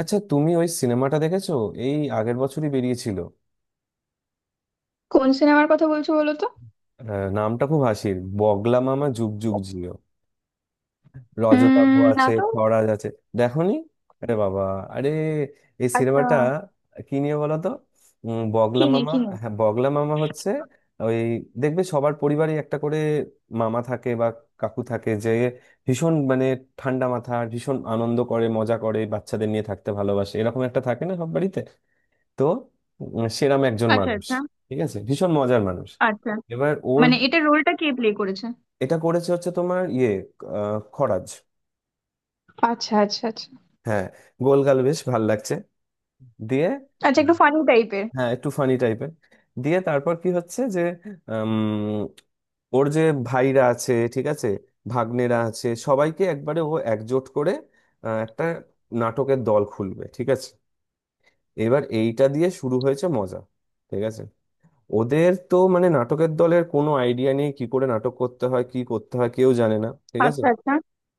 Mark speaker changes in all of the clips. Speaker 1: আচ্ছা, তুমি ওই সিনেমাটা দেখেছো? এই আগের বছরই বেরিয়েছিল।
Speaker 2: কোন সিনেমার কথা বলছো, বলো তো।
Speaker 1: আহ, নামটা খুব হাসির, বগলা মামা যুগ যুগ জিও। রজতাভ
Speaker 2: না
Speaker 1: আছে,
Speaker 2: তো।
Speaker 1: খরাজ আছে। দেখোনি? আরে বাবা, আরে, এই
Speaker 2: আচ্ছা।
Speaker 1: সিনেমাটা কি নিয়ে বলো তো। বগলা
Speaker 2: কিনে
Speaker 1: মামা।
Speaker 2: কিনে?
Speaker 1: হ্যাঁ, বগলা মামা হচ্ছে ওই, দেখবে সবার পরিবারে একটা করে মামা থাকে বা কাকু থাকে, যে ভীষণ মানে ঠান্ডা মাথা, ভীষণ আনন্দ করে, মজা করে, বাচ্চাদের নিয়ে থাকতে ভালোবাসে, এরকম একটা থাকে না সব বাড়িতে? তো সেরাম একজন
Speaker 2: আচ্ছা
Speaker 1: মানুষ।
Speaker 2: আচ্ছা
Speaker 1: ঠিক আছে, ভীষণ মজার মানুষ।
Speaker 2: আচ্ছা।
Speaker 1: এবার ওর,
Speaker 2: মানে এটার রোলটা কে প্লে করেছে?
Speaker 1: এটা করেছে হচ্ছে তোমার ইয়ে, খরাজ।
Speaker 2: আচ্ছা আচ্ছা আচ্ছা।
Speaker 1: হ্যাঁ, গোলগাল, বেশ ভাল লাগছে। দিয়ে,
Speaker 2: আচ্ছা,
Speaker 1: আহ,
Speaker 2: একটু ফানি টাইপের?
Speaker 1: হ্যাঁ, একটু ফানি টাইপের। দিয়ে তারপর কি হচ্ছে যে, উম, ওর যে ভাইরা আছে, ঠিক আছে, ভাগ্নেরা আছে, সবাইকে একবারে ও একজোট করে একটা নাটকের দল খুলবে। ঠিক আছে, এবার এইটা দিয়ে শুরু হয়েছে মজা। ঠিক আছে, ওদের তো মানে নাটকের দলের কোনো আইডিয়া নেই, কি করে নাটক করতে হয়, কি করতে হয় কেউ জানে না। ঠিক আছে,
Speaker 2: আচ্ছা আচ্ছা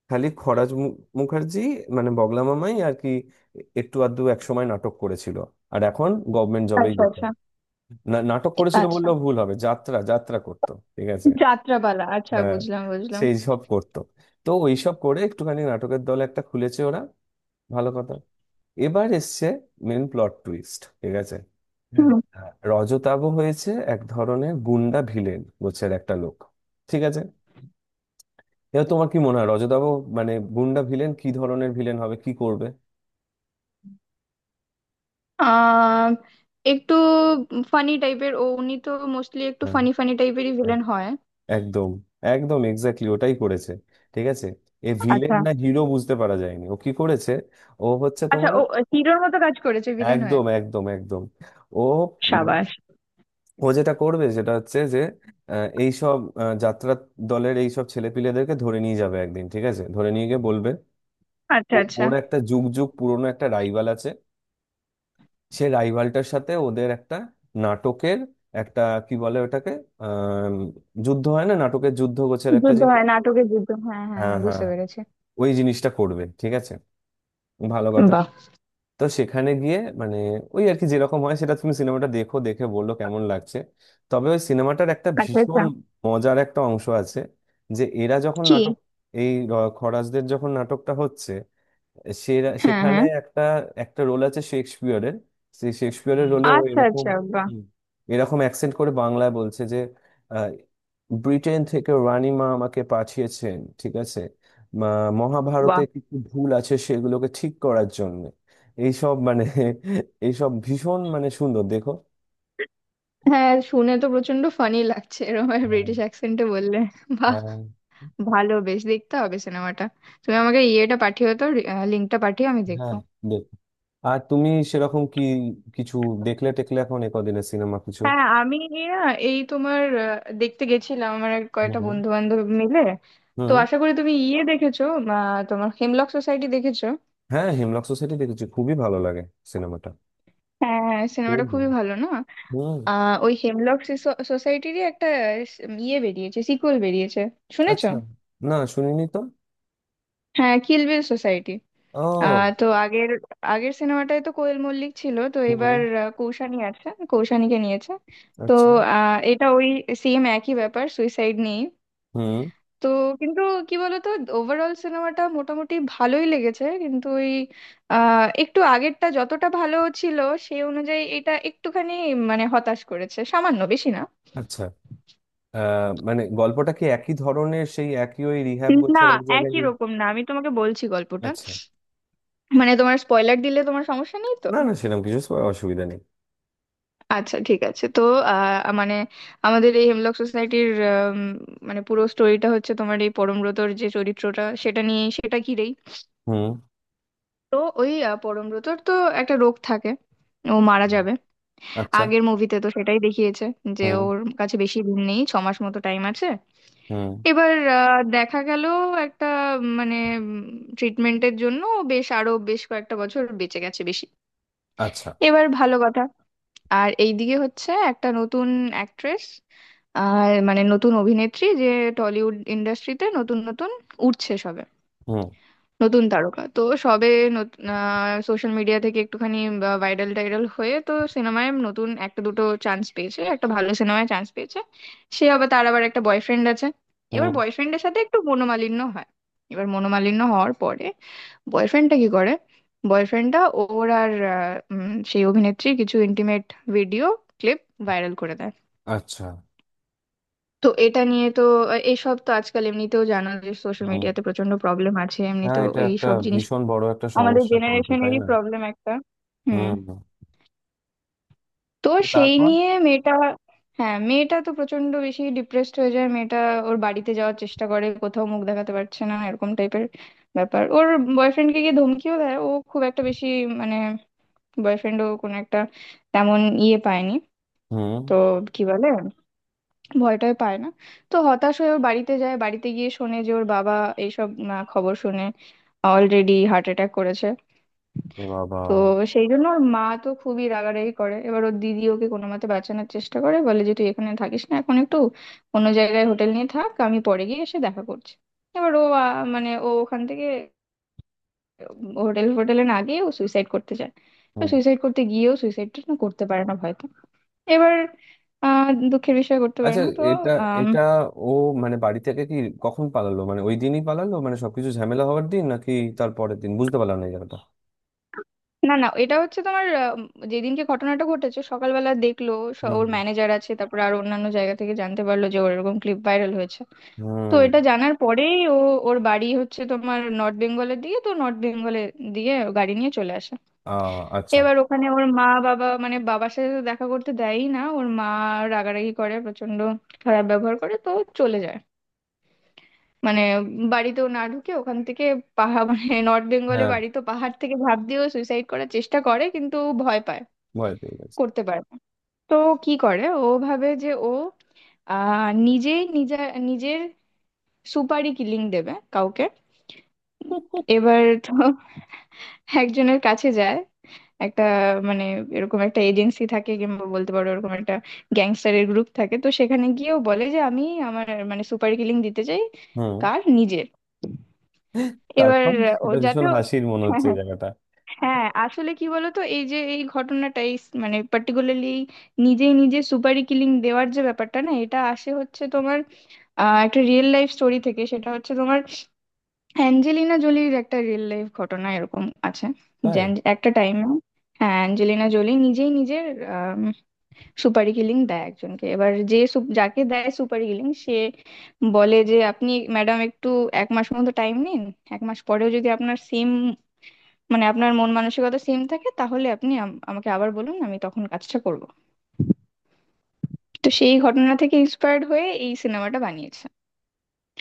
Speaker 1: খালি খরাজ মুখার্জি, মানে বগলা মামাই আর কি, একটু আধটু এক সময় নাটক করেছিল, আর এখন গভর্নমেন্ট জবেই
Speaker 2: আচ্ছা।
Speaker 1: যেতে
Speaker 2: আচ্ছা।
Speaker 1: হয়। না, নাটক করেছিল
Speaker 2: আচ্ছা,
Speaker 1: বললেও ভুল হবে, যাত্রা যাত্রা করতো। ঠিক আছে,
Speaker 2: যাত্রাপালা। আচ্ছা,
Speaker 1: হ্যাঁ,
Speaker 2: বুঝলাম বুঝলাম।
Speaker 1: সেই সব করতো। তো ওইসব করে একটুখানি নাটকের দল একটা খুলেছে ওরা। ভালো কথা। এবার এসছে মেন প্লট টুইস্ট। ঠিক আছে।
Speaker 2: হুম।
Speaker 1: হ্যাঁ। রজতাভ হয়েছে এক ধরনের গুন্ডা ভিলেন গোছের একটা লোক। ঠিক আছে, এবার তোমার কি মনে হয় রজতাভ মানে গুন্ডা ভিলেন কি ধরনের ভিলেন হবে, কি করবে?
Speaker 2: আহ একটু ফানি টাইপের ও, উনি তো মোস্টলি একটু
Speaker 1: হ্যাঁ,
Speaker 2: ফানি ফানি টাইপেরই
Speaker 1: হ্যাঁ,
Speaker 2: ভিলেন হয়।
Speaker 1: একদম একদম এক্স্যাক্টলি ওটাই করেছে। ঠিক আছে, এ ভিলেন
Speaker 2: আচ্ছা
Speaker 1: না হিরো বুঝতে পারা যায়নি ও কি করেছে। ও হচ্ছে
Speaker 2: আচ্ছা।
Speaker 1: তোমার,
Speaker 2: ও হিরোর মতো কাজ করেছে ভিলেন হয়ে।
Speaker 1: একদম একদম একদম। ও,
Speaker 2: সাবাস।
Speaker 1: ও যেটা করবে সেটা হচ্ছে যে এইসব যাত্রা দলের এইসব ছেলেপিলেদেরকে ধরে নিয়ে যাবে একদিন। ঠিক আছে, ধরে নিয়ে গিয়ে বলবে,
Speaker 2: আচ্ছা আচ্ছা।
Speaker 1: ওর একটা যুগ যুগ পুরনো একটা রাইভাল আছে, সে রাইভালটার সাথে ওদের একটা নাটকের একটা কি বলে ওটাকে, আহ যুদ্ধ হয় না, নাটকের যুদ্ধ গোছের একটা
Speaker 2: যুদ্ধ
Speaker 1: জিনিস।
Speaker 2: হয় নাটকে, যুদ্ধ, হ্যাঁ হ্যাঁ
Speaker 1: হ্যাঁ,
Speaker 2: হ্যাঁ,
Speaker 1: হ্যাঁ,
Speaker 2: বুঝতে
Speaker 1: হ্যাঁ।
Speaker 2: পেরেছি।
Speaker 1: ওই জিনিসটা করবে। ঠিক আছে, ভালো কথা।
Speaker 2: বাহ।
Speaker 1: তো সেখানে গিয়ে মানে ওই আর কি, যেরকম হয় সেটা তুমি সিনেমাটা দেখো, দেখে বললো কেমন লাগছে। তবে ওই সিনেমাটার একটা
Speaker 2: আচ্ছা আচ্ছা।
Speaker 1: ভীষণ মজার একটা অংশ আছে, যে এরা যখন
Speaker 2: কি?
Speaker 1: নাটক, এই খরাজদের যখন নাটকটা হচ্ছে, সে
Speaker 2: হ্যাঁ
Speaker 1: সেখানে
Speaker 2: হ্যাঁ।
Speaker 1: একটা, একটা রোল আছে শেক্সপিয়রের। সেই শেক্সপিয়রের রোলে ও
Speaker 2: আচ্ছা
Speaker 1: এরকম,
Speaker 2: আচ্ছা। বাহ।
Speaker 1: হুম, এরকম অ্যাকসেন্ট করে বাংলায় বলছে যে আহ, ব্রিটেন থেকে রানীমা আমাকে পাঠিয়েছেন। ঠিক আছে, মা-
Speaker 2: বাহ,
Speaker 1: মহাভারতে কিছু ভুল আছে সেগুলোকে ঠিক করার জন্য। এইসব মানে, এইসব ভীষণ মানে সুন্দর দেখো।
Speaker 2: হ্যাঁ, শুনে তো প্রচন্ড ফানি লাগছে এরকম
Speaker 1: হ্যাঁ,
Speaker 2: ব্রিটিশ অ্যাকসেন্টে বললে। বাহ।
Speaker 1: হ্যাঁ,
Speaker 2: ভালো, বেশ দেখতে হবে সিনেমাটা। তুমি আমাকে ইয়েটা পাঠিও তো, লিঙ্কটা পাঠিয়ে আমি দেখবো।
Speaker 1: হ্যাঁ, দেখো। আর তুমি সেরকম কি কিছু দেখলে টেকলে এখন এ কদিনের সিনেমা কিছু?
Speaker 2: হ্যাঁ আমি, না, এই তোমার দেখতে গেছিলাম আমার এক কয়েকটা
Speaker 1: হুম।
Speaker 2: বন্ধু বান্ধব মিলে। তো
Speaker 1: হুম।
Speaker 2: আশা করি তুমি ইয়ে দেখেছো। তোমার হেমলক সোসাইটি দেখেছো?
Speaker 1: হ্যাঁ, হিমলক সোসাইটি দেখেছি, খুবই ভালো লাগে সিনেমাটা।
Speaker 2: হ্যাঁ,
Speaker 1: খুব
Speaker 2: সিনেমাটা খুবই
Speaker 1: ভালো।
Speaker 2: ভালো না?
Speaker 1: হুম।
Speaker 2: ওই হেমলক সোসাইটিরই একটা ইয়ে বেরিয়েছে, সিকুয়েল বেরিয়েছে, শুনেছো?
Speaker 1: আচ্ছা, না, শুনিনি তো।
Speaker 2: হ্যাঁ, কিলবিল সোসাইটি।
Speaker 1: ও।
Speaker 2: তো আগের, আগের সিনেমাটায় তো কোয়েল মল্লিক ছিল, তো এবার
Speaker 1: হুম।
Speaker 2: কৌশানি আছে, কৌশানিকে নিয়েছে। তো
Speaker 1: আচ্ছা।
Speaker 2: এটা ওই সেম একই ব্যাপার, সুইসাইড নেই।
Speaker 1: হুম।
Speaker 2: তো কিন্তু, কি বলতো, ওভারঅল সিনেমাটা মোটামুটি ভালোই লেগেছে, কিন্তু ওই একটু আগেরটা যতটা ভালো ছিল সেই অনুযায়ী এটা একটুখানি মানে হতাশ করেছে, সামান্য, বেশি না।
Speaker 1: আচ্ছা। আহ মানে গল্পটা কি একই ধরনের, সেই একই ওই রিহ্যাব
Speaker 2: না,
Speaker 1: গোছের এক জায়গায়
Speaker 2: একই
Speaker 1: নিয়ে?
Speaker 2: রকম না। আমি তোমাকে বলছি গল্পটা।
Speaker 1: আচ্ছা,
Speaker 2: মানে তোমার স্পয়লার দিলে তোমার সমস্যা নেই তো?
Speaker 1: না না সেরকম কিছু অসুবিধা নেই।
Speaker 2: আচ্ছা ঠিক আছে। তো মানে আমাদের এই হেমলক সোসাইটির মানে পুরো স্টোরিটা হচ্ছে তোমার এই পরমব্রতর যে চরিত্রটা, সেটা নিয়ে, সেটা ঘিরেই।
Speaker 1: হুম।
Speaker 2: তো ওই পরমব্রতর তো একটা রোগ থাকে, ও মারা
Speaker 1: হুম,
Speaker 2: যাবে।
Speaker 1: আচ্ছা।
Speaker 2: আগের মুভিতে তো সেটাই দেখিয়েছে যে
Speaker 1: হুম।
Speaker 2: ওর কাছে বেশি দিন নেই, 6 মাস মতো টাইম আছে।
Speaker 1: হুম।
Speaker 2: এবার দেখা গেল একটা মানে, মানে ট্রিটমেন্টের জন্য ও বেশ, আরো বেশ কয়েকটা বছর বেঁচে গেছে, বেশি।
Speaker 1: আচ্ছা।
Speaker 2: এবার ভালো কথা। আর এইদিকে হচ্ছে একটা নতুন অ্যাক্ট্রেস, আর মানে নতুন অভিনেত্রী, যে টলিউড ইন্ডাস্ট্রিতে নতুন নতুন উঠছে সবে।
Speaker 1: হুম।
Speaker 2: নতুন তারকা তো সবে সোশ্যাল মিডিয়া থেকে একটুখানি ভাইরাল টাইরাল হয়ে তো সিনেমায় নতুন একটা দুটো চান্স পেয়েছে, একটা ভালো সিনেমায় চান্স পেয়েছে। সে আবার, তার আবার একটা বয়ফ্রেন্ড আছে। এবার
Speaker 1: হুম।
Speaker 2: বয়ফ্রেন্ডের সাথে একটু মনোমালিন্য হয়। এবার মনোমালিন্য হওয়ার পরে বয়ফ্রেন্ডটা কি করে, বয়ফ্রেন্ডটা ওর আর সেই অভিনেত্রীর কিছু ইন্টিমেট ভিডিও ক্লিপ ভাইরাল করে দেয়।
Speaker 1: আচ্ছা।
Speaker 2: তো এটা নিয়ে তো এইসব তো আজকাল এমনিতেও জানো যে সোশ্যাল
Speaker 1: হুম।
Speaker 2: মিডিয়াতে প্রচন্ড প্রবলেম আছে
Speaker 1: হ্যাঁ,
Speaker 2: এমনিতেও
Speaker 1: এটা একটা
Speaker 2: এইসব জিনিস।
Speaker 1: ভীষণ বড় একটা
Speaker 2: আমাদের
Speaker 1: সমস্যা কিন্তু, তাই
Speaker 2: জেনারেশনেরই
Speaker 1: না?
Speaker 2: প্রবলেম একটা। হুম।
Speaker 1: হুম।
Speaker 2: তো
Speaker 1: এ
Speaker 2: সেই
Speaker 1: তারপর?
Speaker 2: নিয়ে মেয়েটা, হ্যাঁ মেয়েটা তো প্রচন্ড বেশি ডিপ্রেসড হয়ে যায়, মেয়েটা ওর বাড়িতে যাওয়ার চেষ্টা করে, কোথাও মুখ দেখাতে পারছে না এরকম টাইপের ব্যাপার। ওর বয়ফ্রেন্ডকে গিয়ে ধমকিও দেয় ও, খুব একটা বেশি মানে বয়ফ্রেন্ডও কোনো একটা তেমন ইয়ে পায়নি
Speaker 1: হুম।
Speaker 2: তো, কি বলে, ভয়টাই পায় না। তো হতাশ হয়ে ওর বাড়িতে যায়, বাড়িতে গিয়ে শোনে যে ওর বাবা এইসব খবর শুনে অলরেডি হার্ট অ্যাটাক করেছে।
Speaker 1: এ বাবা।
Speaker 2: তো সেই জন্য ওর মা তো খুবই রাগারাগি করে। এবার ওর দিদি ওকে কোনো মতে বাঁচানোর চেষ্টা করে, বলে যে তুই এখানে থাকিস না এখন, একটু অন্য জায়গায় হোটেল নিয়ে থাক, আমি পরে গিয়ে এসে দেখা করছি। এবার ও মানে ও ওখান থেকে হোটেল ফোটেলে না গিয়ে ও সুইসাইড করতে যায়। তো সুইসাইড করতে গিয়েও সুইসাইডটা না, করতে পারে না হয়তো। এবার দুঃখের বিষয় করতে পারে
Speaker 1: আচ্ছা,
Speaker 2: না। তো
Speaker 1: এটা,
Speaker 2: আম,
Speaker 1: এটা, ও, মানে বাড়ি থেকে কি কখন পালালো? মানে ওই দিনই পালালো মানে সবকিছু ঝামেলা হওয়ার দিন, নাকি তার পরের দিন? বুঝতে পারলাম না এই জায়গাটা।
Speaker 2: না না, এটা হচ্ছে তোমার যেদিনকে ঘটনাটা ঘটেছে সকালবেলা দেখলো,
Speaker 1: হুম,
Speaker 2: ওর
Speaker 1: হুম।
Speaker 2: ম্যানেজার আছে, তারপর আর অন্যান্য জায়গা থেকে জানতে পারলো যে ওর এরকম ক্লিপ ভাইরাল হয়েছে। তো
Speaker 1: হুম।
Speaker 2: এটা জানার পরেই ও, ওর বাড়ি হচ্ছে তোমার নর্থ বেঙ্গলের দিকে, তো নর্থ বেঙ্গলে দিয়ে ও গাড়ি নিয়ে চলে আসে।
Speaker 1: আ, আচ্ছা।
Speaker 2: এবার ওখানে ওর মা বাবা মানে বাবার সাথে তো দেখা করতে দেয়ই না ওর মা, রাগারাগি করে প্রচন্ড, খারাপ ব্যবহার করে তো চলে যায়, মানে বাড়িতেও না ঢুকে ওখান থেকে পাহাড় মানে নর্থ বেঙ্গলে
Speaker 1: হ্যাঁ,
Speaker 2: বাড়ি তো, পাহাড় থেকে ঝাঁপ দিয়েও সুইসাইড করার চেষ্টা করে কিন্তু ভয় পায়,
Speaker 1: ভয় পেয়ে গেছে।
Speaker 2: করতে পারে না। তো ও কি করে, ও ভাবে যে ও নিজেই নিজে, নিজের সুপারই কিলিং দেবে কাউকে। এবার তো একজনের কাছে যায়, একটা মানে এরকম একটা এজেন্সি থাকে, কিংবা বলতে পারো এরকম একটা গ্যাংস্টারের গ্রুপ থাকে, তো সেখানে গিয়েও বলে যে আমি, আমার মানে সুপার কিলিং দিতে চাই।
Speaker 1: হুম।
Speaker 2: কার? নিজের। এবার
Speaker 1: তারপর?
Speaker 2: ও
Speaker 1: এটা
Speaker 2: যাতে
Speaker 1: ভীষণ হাসির মনে
Speaker 2: হ্যাঁ
Speaker 1: হচ্ছে এই
Speaker 2: হ্যাঁ।
Speaker 1: জায়গাটা।
Speaker 2: হ্যাঁ, আসলে কি বলতো, এই যে এই ঘটনাটা, এই মানে পার্টিকুলারলি নিজেই নিজে সুপারি কিলিং দেওয়ার যে ব্যাপারটা না, এটা আসে হচ্ছে তোমার একটা রিয়েল লাইফ স্টোরি থেকে। সেটা হচ্ছে তোমার অ্যাঞ্জেলিনা জোলির একটা রিয়েল লাইফ ঘটনা এরকম আছে। যে
Speaker 1: তাই?
Speaker 2: একটা টাইমে, হ্যাঁ অ্যাঞ্জেলিনা জোলি নিজেই নিজের সুপারি কিলিং দেয় একজনকে। এবার যে যাকে দেয় সুপারি কিলিং, সে বলে যে আপনি ম্যাডাম একটু 1 মাস মতো টাইম নিন, 1 মাস পরেও যদি আপনার সেম মানে আপনার মন মানসিকতা সেম থাকে, তাহলে আপনি আমাকে আবার বলুন, আমি তখন কাজটা করব। তো সেই ঘটনা থেকে ইন্সপায়ার্ড হয়ে এই সিনেমাটা বানিয়েছে।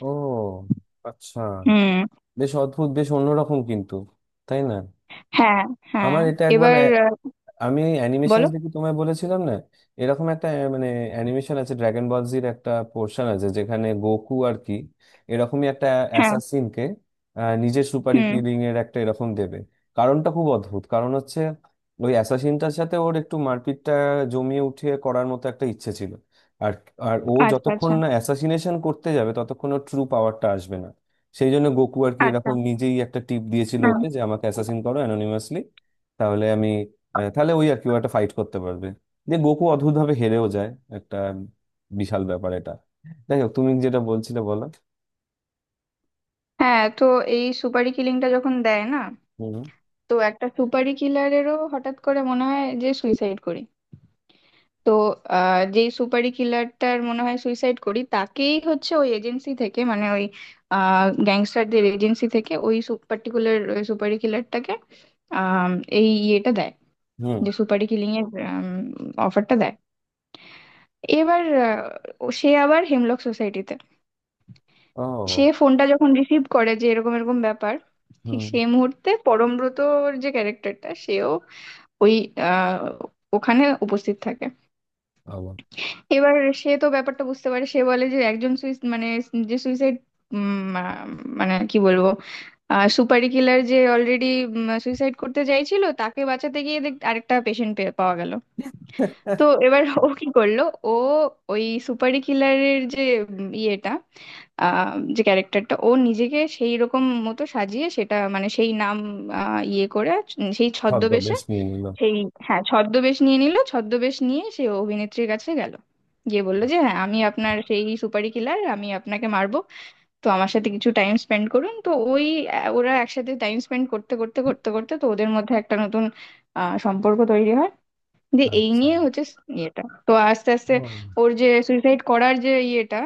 Speaker 1: ও, আচ্ছা।
Speaker 2: হুম।
Speaker 1: বেশ অদ্ভুত, বেশ অন্যরকম কিন্তু, তাই না?
Speaker 2: হ্যাঁ হ্যাঁ।
Speaker 1: আমার এটা একবার,
Speaker 2: এবার
Speaker 1: আমি অ্যানিমেশন
Speaker 2: বলো।
Speaker 1: দেখে তোমায় বলেছিলাম না, এরকম একটা, মানে অ্যানিমেশন আছে ড্রাগন বল জির একটা পোর্শন আছে যেখানে গোকু আর কি এরকমই একটা
Speaker 2: হ্যাঁ।
Speaker 1: অ্যাসাসিনকে নিজের সুপারি
Speaker 2: হুম।
Speaker 1: কিলিং এর একটা এরকম দেবে। কারণটা খুব অদ্ভুত, কারণ হচ্ছে ওই অ্যাসাসিনটার সাথে ওর একটু মারপিটটা জমিয়ে উঠিয়ে করার মতো একটা ইচ্ছে ছিল। আর আর ও
Speaker 2: আচ্ছা
Speaker 1: যতক্ষণ
Speaker 2: আচ্ছা
Speaker 1: না অ্যাসাসিনেশন করতে যাবে, ততক্ষণ ওর ট্রু পাওয়ারটা আসবে না। সেই জন্য গোকু আর কি
Speaker 2: আচ্ছা।
Speaker 1: এরকম নিজেই একটা টিপ দিয়েছিল
Speaker 2: হুম।
Speaker 1: ওকে, যে আমাকে অ্যাসাসিন করো অ্যানোনিমাসলি, তাহলে আমি, তাহলে ওই আর কি ও একটা ফাইট করতে পারবে। যে গোকু অদ্ভুত ভাবে হেরেও যায়, একটা বিশাল ব্যাপার এটা। যাই হোক, তুমি যেটা বলছিলে বলো।
Speaker 2: হ্যাঁ, তো এই সুপারি কিলিংটা যখন দেয় না,
Speaker 1: হুম।
Speaker 2: তো একটা সুপারি কিলারেরও হঠাৎ করে মনে হয় যে সুইসাইড করি। তো যেই সুপারি কিলারটার মনে হয় সুইসাইড করি, তাকেই হচ্ছে ওই এজেন্সি থেকে, মানে ওই গ্যাংস্টারদের এজেন্সি থেকে ওই পার্টিকুলার সুপারি কিলারটাকে আম, এই ইয়েটা দেয়,
Speaker 1: হুম।
Speaker 2: যে সুপারি কিলিং এর অফারটা দেয়। এবার সে আবার হেমলক সোসাইটিতে, সে
Speaker 1: ও।
Speaker 2: ফোনটা যখন রিসিভ করে যে এরকম এরকম ব্যাপার, ঠিক
Speaker 1: হুম।
Speaker 2: সেই মুহূর্তে পরমব্রতর যে ক্যারেক্টারটা সেও ওই আহ, ওখানে উপস্থিত থাকে।
Speaker 1: আবার
Speaker 2: এবার সে তো ব্যাপারটা বুঝতে পারে, সে বলে যে একজন সুইস মানে, যে সুইসাইড মানে, কি বলবো, সুপারি কিলার যে অলরেডি সুইসাইড করতে চাইছিল তাকে বাঁচাতে গিয়ে দেখ আরেকটা পেশেন্ট পাওয়া গেল। তো এবার ও কি করলো, ও ওই সুপারি কিলারের যে ইয়েটা যে ক্যারেক্টারটা, ও নিজেকে সেই রকম মতো সাজিয়ে সেটা মানে সেই নাম ইয়ে করে, সেই ছদ্মবেশে,
Speaker 1: ছদ্মবেশ নিয়ে নিল।
Speaker 2: সেই, হ্যাঁ ছদ্মবেশ নিয়ে নিল, ছদ্মবেশ নিয়ে সে অভিনেত্রীর কাছে গেল, গিয়ে বললো যে হ্যাঁ, আমি আপনার সেই সুপারি কিলার, আমি আপনাকে মারবো, তো আমার সাথে কিছু টাইম স্পেন্ড করুন। তো ওই ওরা একসাথে টাইম স্পেন্ড করতে করতে করতে করতে তো ওদের মধ্যে একটা নতুন সম্পর্ক তৈরি হয়, যে এই
Speaker 1: আচ্ছা।
Speaker 2: নিয়ে হচ্ছে ইয়েটা। তো আস্তে আস্তে
Speaker 1: হুম।
Speaker 2: ওর যে সুইসাইড করার যে ইয়েটা,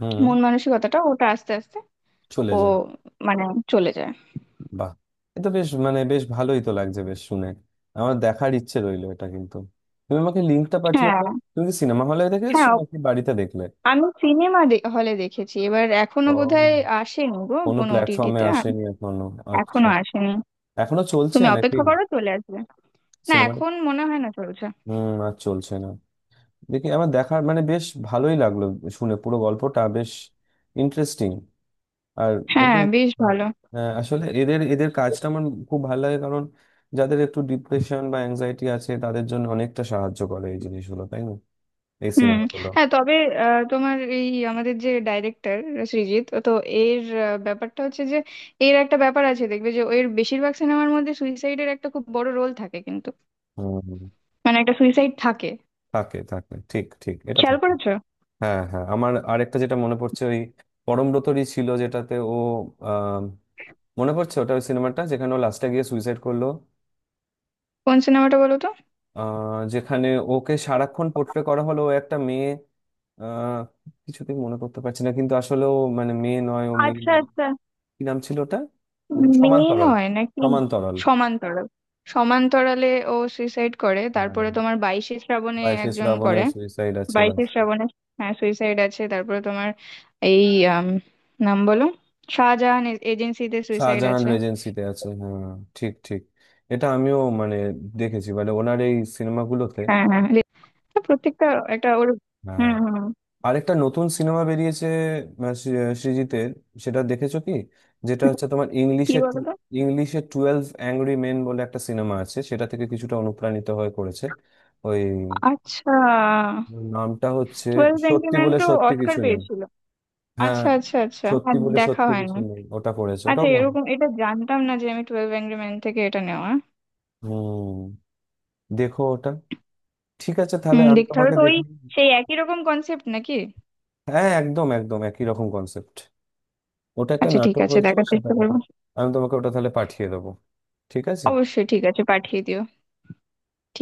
Speaker 1: হুম,
Speaker 2: মন মানসিকতাটা, ওটা আস্তে আস্তে
Speaker 1: চলে
Speaker 2: ও,
Speaker 1: যায়।
Speaker 2: মানে চলে যায়।
Speaker 1: বাহ, এ তো বেশ মানে বেশ ভালোই তো লাগছে বেশ শুনে। আমার দেখার ইচ্ছে রইলো এটা কিন্তু, তুমি আমাকে লিঙ্কটা পাঠিও
Speaker 2: হ্যাঁ
Speaker 1: তো। তুমি কি সিনেমা হলে দেখে এসছো
Speaker 2: হ্যাঁ।
Speaker 1: নাকি বাড়িতে দেখলে?
Speaker 2: আমি সিনেমা হলে দেখেছি। এবার এখনো
Speaker 1: ও,
Speaker 2: বোধহয় আসেনি গো
Speaker 1: কোনো
Speaker 2: কোনো
Speaker 1: প্ল্যাটফর্মে
Speaker 2: ওটিটিতে।
Speaker 1: আসেনি এখনো? আচ্ছা,
Speaker 2: এখনো আসেনি।
Speaker 1: এখনো চলছে
Speaker 2: তুমি
Speaker 1: নাকি
Speaker 2: অপেক্ষা করো, চলে আসবে। না,
Speaker 1: সিনেমা?
Speaker 2: এখন মনে হয় না চলছে।
Speaker 1: হুম, আর চলছে না। দেখি, আমার দেখার মানে বেশ ভালোই লাগলো শুনে, পুরো গল্পটা বেশ ইন্টারেস্টিং। আর
Speaker 2: হ্যাঁ
Speaker 1: এদের,
Speaker 2: বেশ ভালো।
Speaker 1: হ্যাঁ, আসলে এদের, এদের কাজটা আমার খুব ভালো লাগে, কারণ যাদের একটু ডিপ্রেশন বা অ্যাংজাইটি আছে তাদের জন্য অনেকটা সাহায্য করে এই জিনিসগুলো, তাই না, এই
Speaker 2: হুম।
Speaker 1: সিনেমাগুলো?
Speaker 2: হ্যাঁ, তবে তোমার এই আমাদের যে ডাইরেক্টর সৃজিত তো, এর ব্যাপারটা হচ্ছে যে এর একটা ব্যাপার আছে দেখবে যে এর বেশিরভাগ সিনেমার মধ্যে সুইসাইডের একটা খুব বড় রোল থাকে, কিন্তু
Speaker 1: হুম, হুম।
Speaker 2: মানে একটা সুইসাইড থাকে।
Speaker 1: থাকে থাকে, ঠিক ঠিক, এটা
Speaker 2: খেয়াল
Speaker 1: থাকে।
Speaker 2: করেছো?
Speaker 1: হ্যাঁ, হ্যাঁ, আমার আরেকটা যেটা মনে পড়ছে, ওই পরমব্রতরই ছিল যেটাতে ও, আহ মনে পড়ছে ওটা, ওই সিনেমাটা যেখানে ও লাস্টে গিয়ে সুইসাইড করলো।
Speaker 2: কোন সিনেমাটা বলো তো।
Speaker 1: আহ, যেখানে ওকে সারাক্ষণ পোর্ট্রে করা হলো ও একটা মেয়ে, আহ কিছুতেই মনে করতে পারছি না, কিন্তু আসলে ও মানে মেয়ে নয়, ও মেয়ে
Speaker 2: আচ্ছা
Speaker 1: নয়।
Speaker 2: আচ্ছা।
Speaker 1: কি নাম ছিল ওটা?
Speaker 2: মেয়ে
Speaker 1: সমান্তরাল।
Speaker 2: নয় নাকি?
Speaker 1: সমান্তরাল।
Speaker 2: সমান্তরাল, সমান্তরালে ও সুইসাইড করে,
Speaker 1: হ্যাঁ,
Speaker 2: তারপরে
Speaker 1: হ্যাঁ।
Speaker 2: তোমার বাইশে শ্রাবণে
Speaker 1: বাইসেস
Speaker 2: একজন করে,
Speaker 1: রাবণের সুইসাইড আছে বা।
Speaker 2: বাইশে শ্রাবণে হ্যাঁ সুইসাইড আছে, তারপরে তোমার এই আম, নাম বলো, শাহজাহান এজেন্সিতে সুইসাইড
Speaker 1: শাহজাহান
Speaker 2: আছে।
Speaker 1: রেজেন্সিতে আছে, হ্যাঁ, ঠিক ঠিক। এটা আমিও মানে দেখেছি মানে ওনার এই সিনেমাগুলোতে।
Speaker 2: হ্যাঁ হ্যাঁ, প্রত্যেকটা, একটা ওর। হুম হুম।
Speaker 1: আরেকটা নতুন সিনেমা বেরিয়েছে আহ, সৃ- সৃজিতের, সেটা দেখেছো কি? যেটা হচ্ছে তোমার
Speaker 2: কি
Speaker 1: ইংলিশে
Speaker 2: বলতো?
Speaker 1: ইংলিশে টুয়েলভ অ্যাংরি মেন বলে একটা সিনেমা আছে, সেটা থেকে কিছুটা অনুপ্রাণিত হয়ে করেছে। ওই
Speaker 2: আচ্ছা,
Speaker 1: নামটা হচ্ছে
Speaker 2: টুয়েলভ
Speaker 1: সত্যি
Speaker 2: এঙ্গরিম্যান
Speaker 1: বলে
Speaker 2: তো
Speaker 1: সত্যি
Speaker 2: অস্কার
Speaker 1: কিছু নেই।
Speaker 2: পেয়েছিল।
Speaker 1: হ্যাঁ,
Speaker 2: আচ্ছা আচ্ছা আচ্ছা,
Speaker 1: সত্যি
Speaker 2: আর
Speaker 1: বলে
Speaker 2: দেখা
Speaker 1: সত্যি কিছু
Speaker 2: হয়নি।
Speaker 1: নেই, ওটা পড়েছে,
Speaker 2: আচ্ছা,
Speaker 1: ওটাও ভালো।
Speaker 2: এরকম এটা জানতাম না যে, আমি টুয়েলভ এঙ্গরি ম্যান থেকে এটা নেওয়া।
Speaker 1: হুম, দেখো ওটা। ঠিক আছে তাহলে
Speaker 2: হুম,
Speaker 1: আমি
Speaker 2: দেখতে হবে
Speaker 1: তোমাকে
Speaker 2: তো ওই
Speaker 1: দেখি।
Speaker 2: সেই একই রকম কনসেপ্ট নাকি?
Speaker 1: হ্যাঁ, একদম একদম একই রকম কনসেপ্ট। ওটা একটা
Speaker 2: আচ্ছা ঠিক
Speaker 1: নাটক
Speaker 2: আছে,
Speaker 1: হয়েছিল,
Speaker 2: দেখার
Speaker 1: সেটা
Speaker 2: চেষ্টা
Speaker 1: দেখো।
Speaker 2: করবো।
Speaker 1: আমি তোমাকে ওটা তাহলে পাঠিয়ে দেবো, ঠিক আছে।
Speaker 2: অবশ্যই ঠিক আছে, পাঠিয়ে দিও। ঠিক।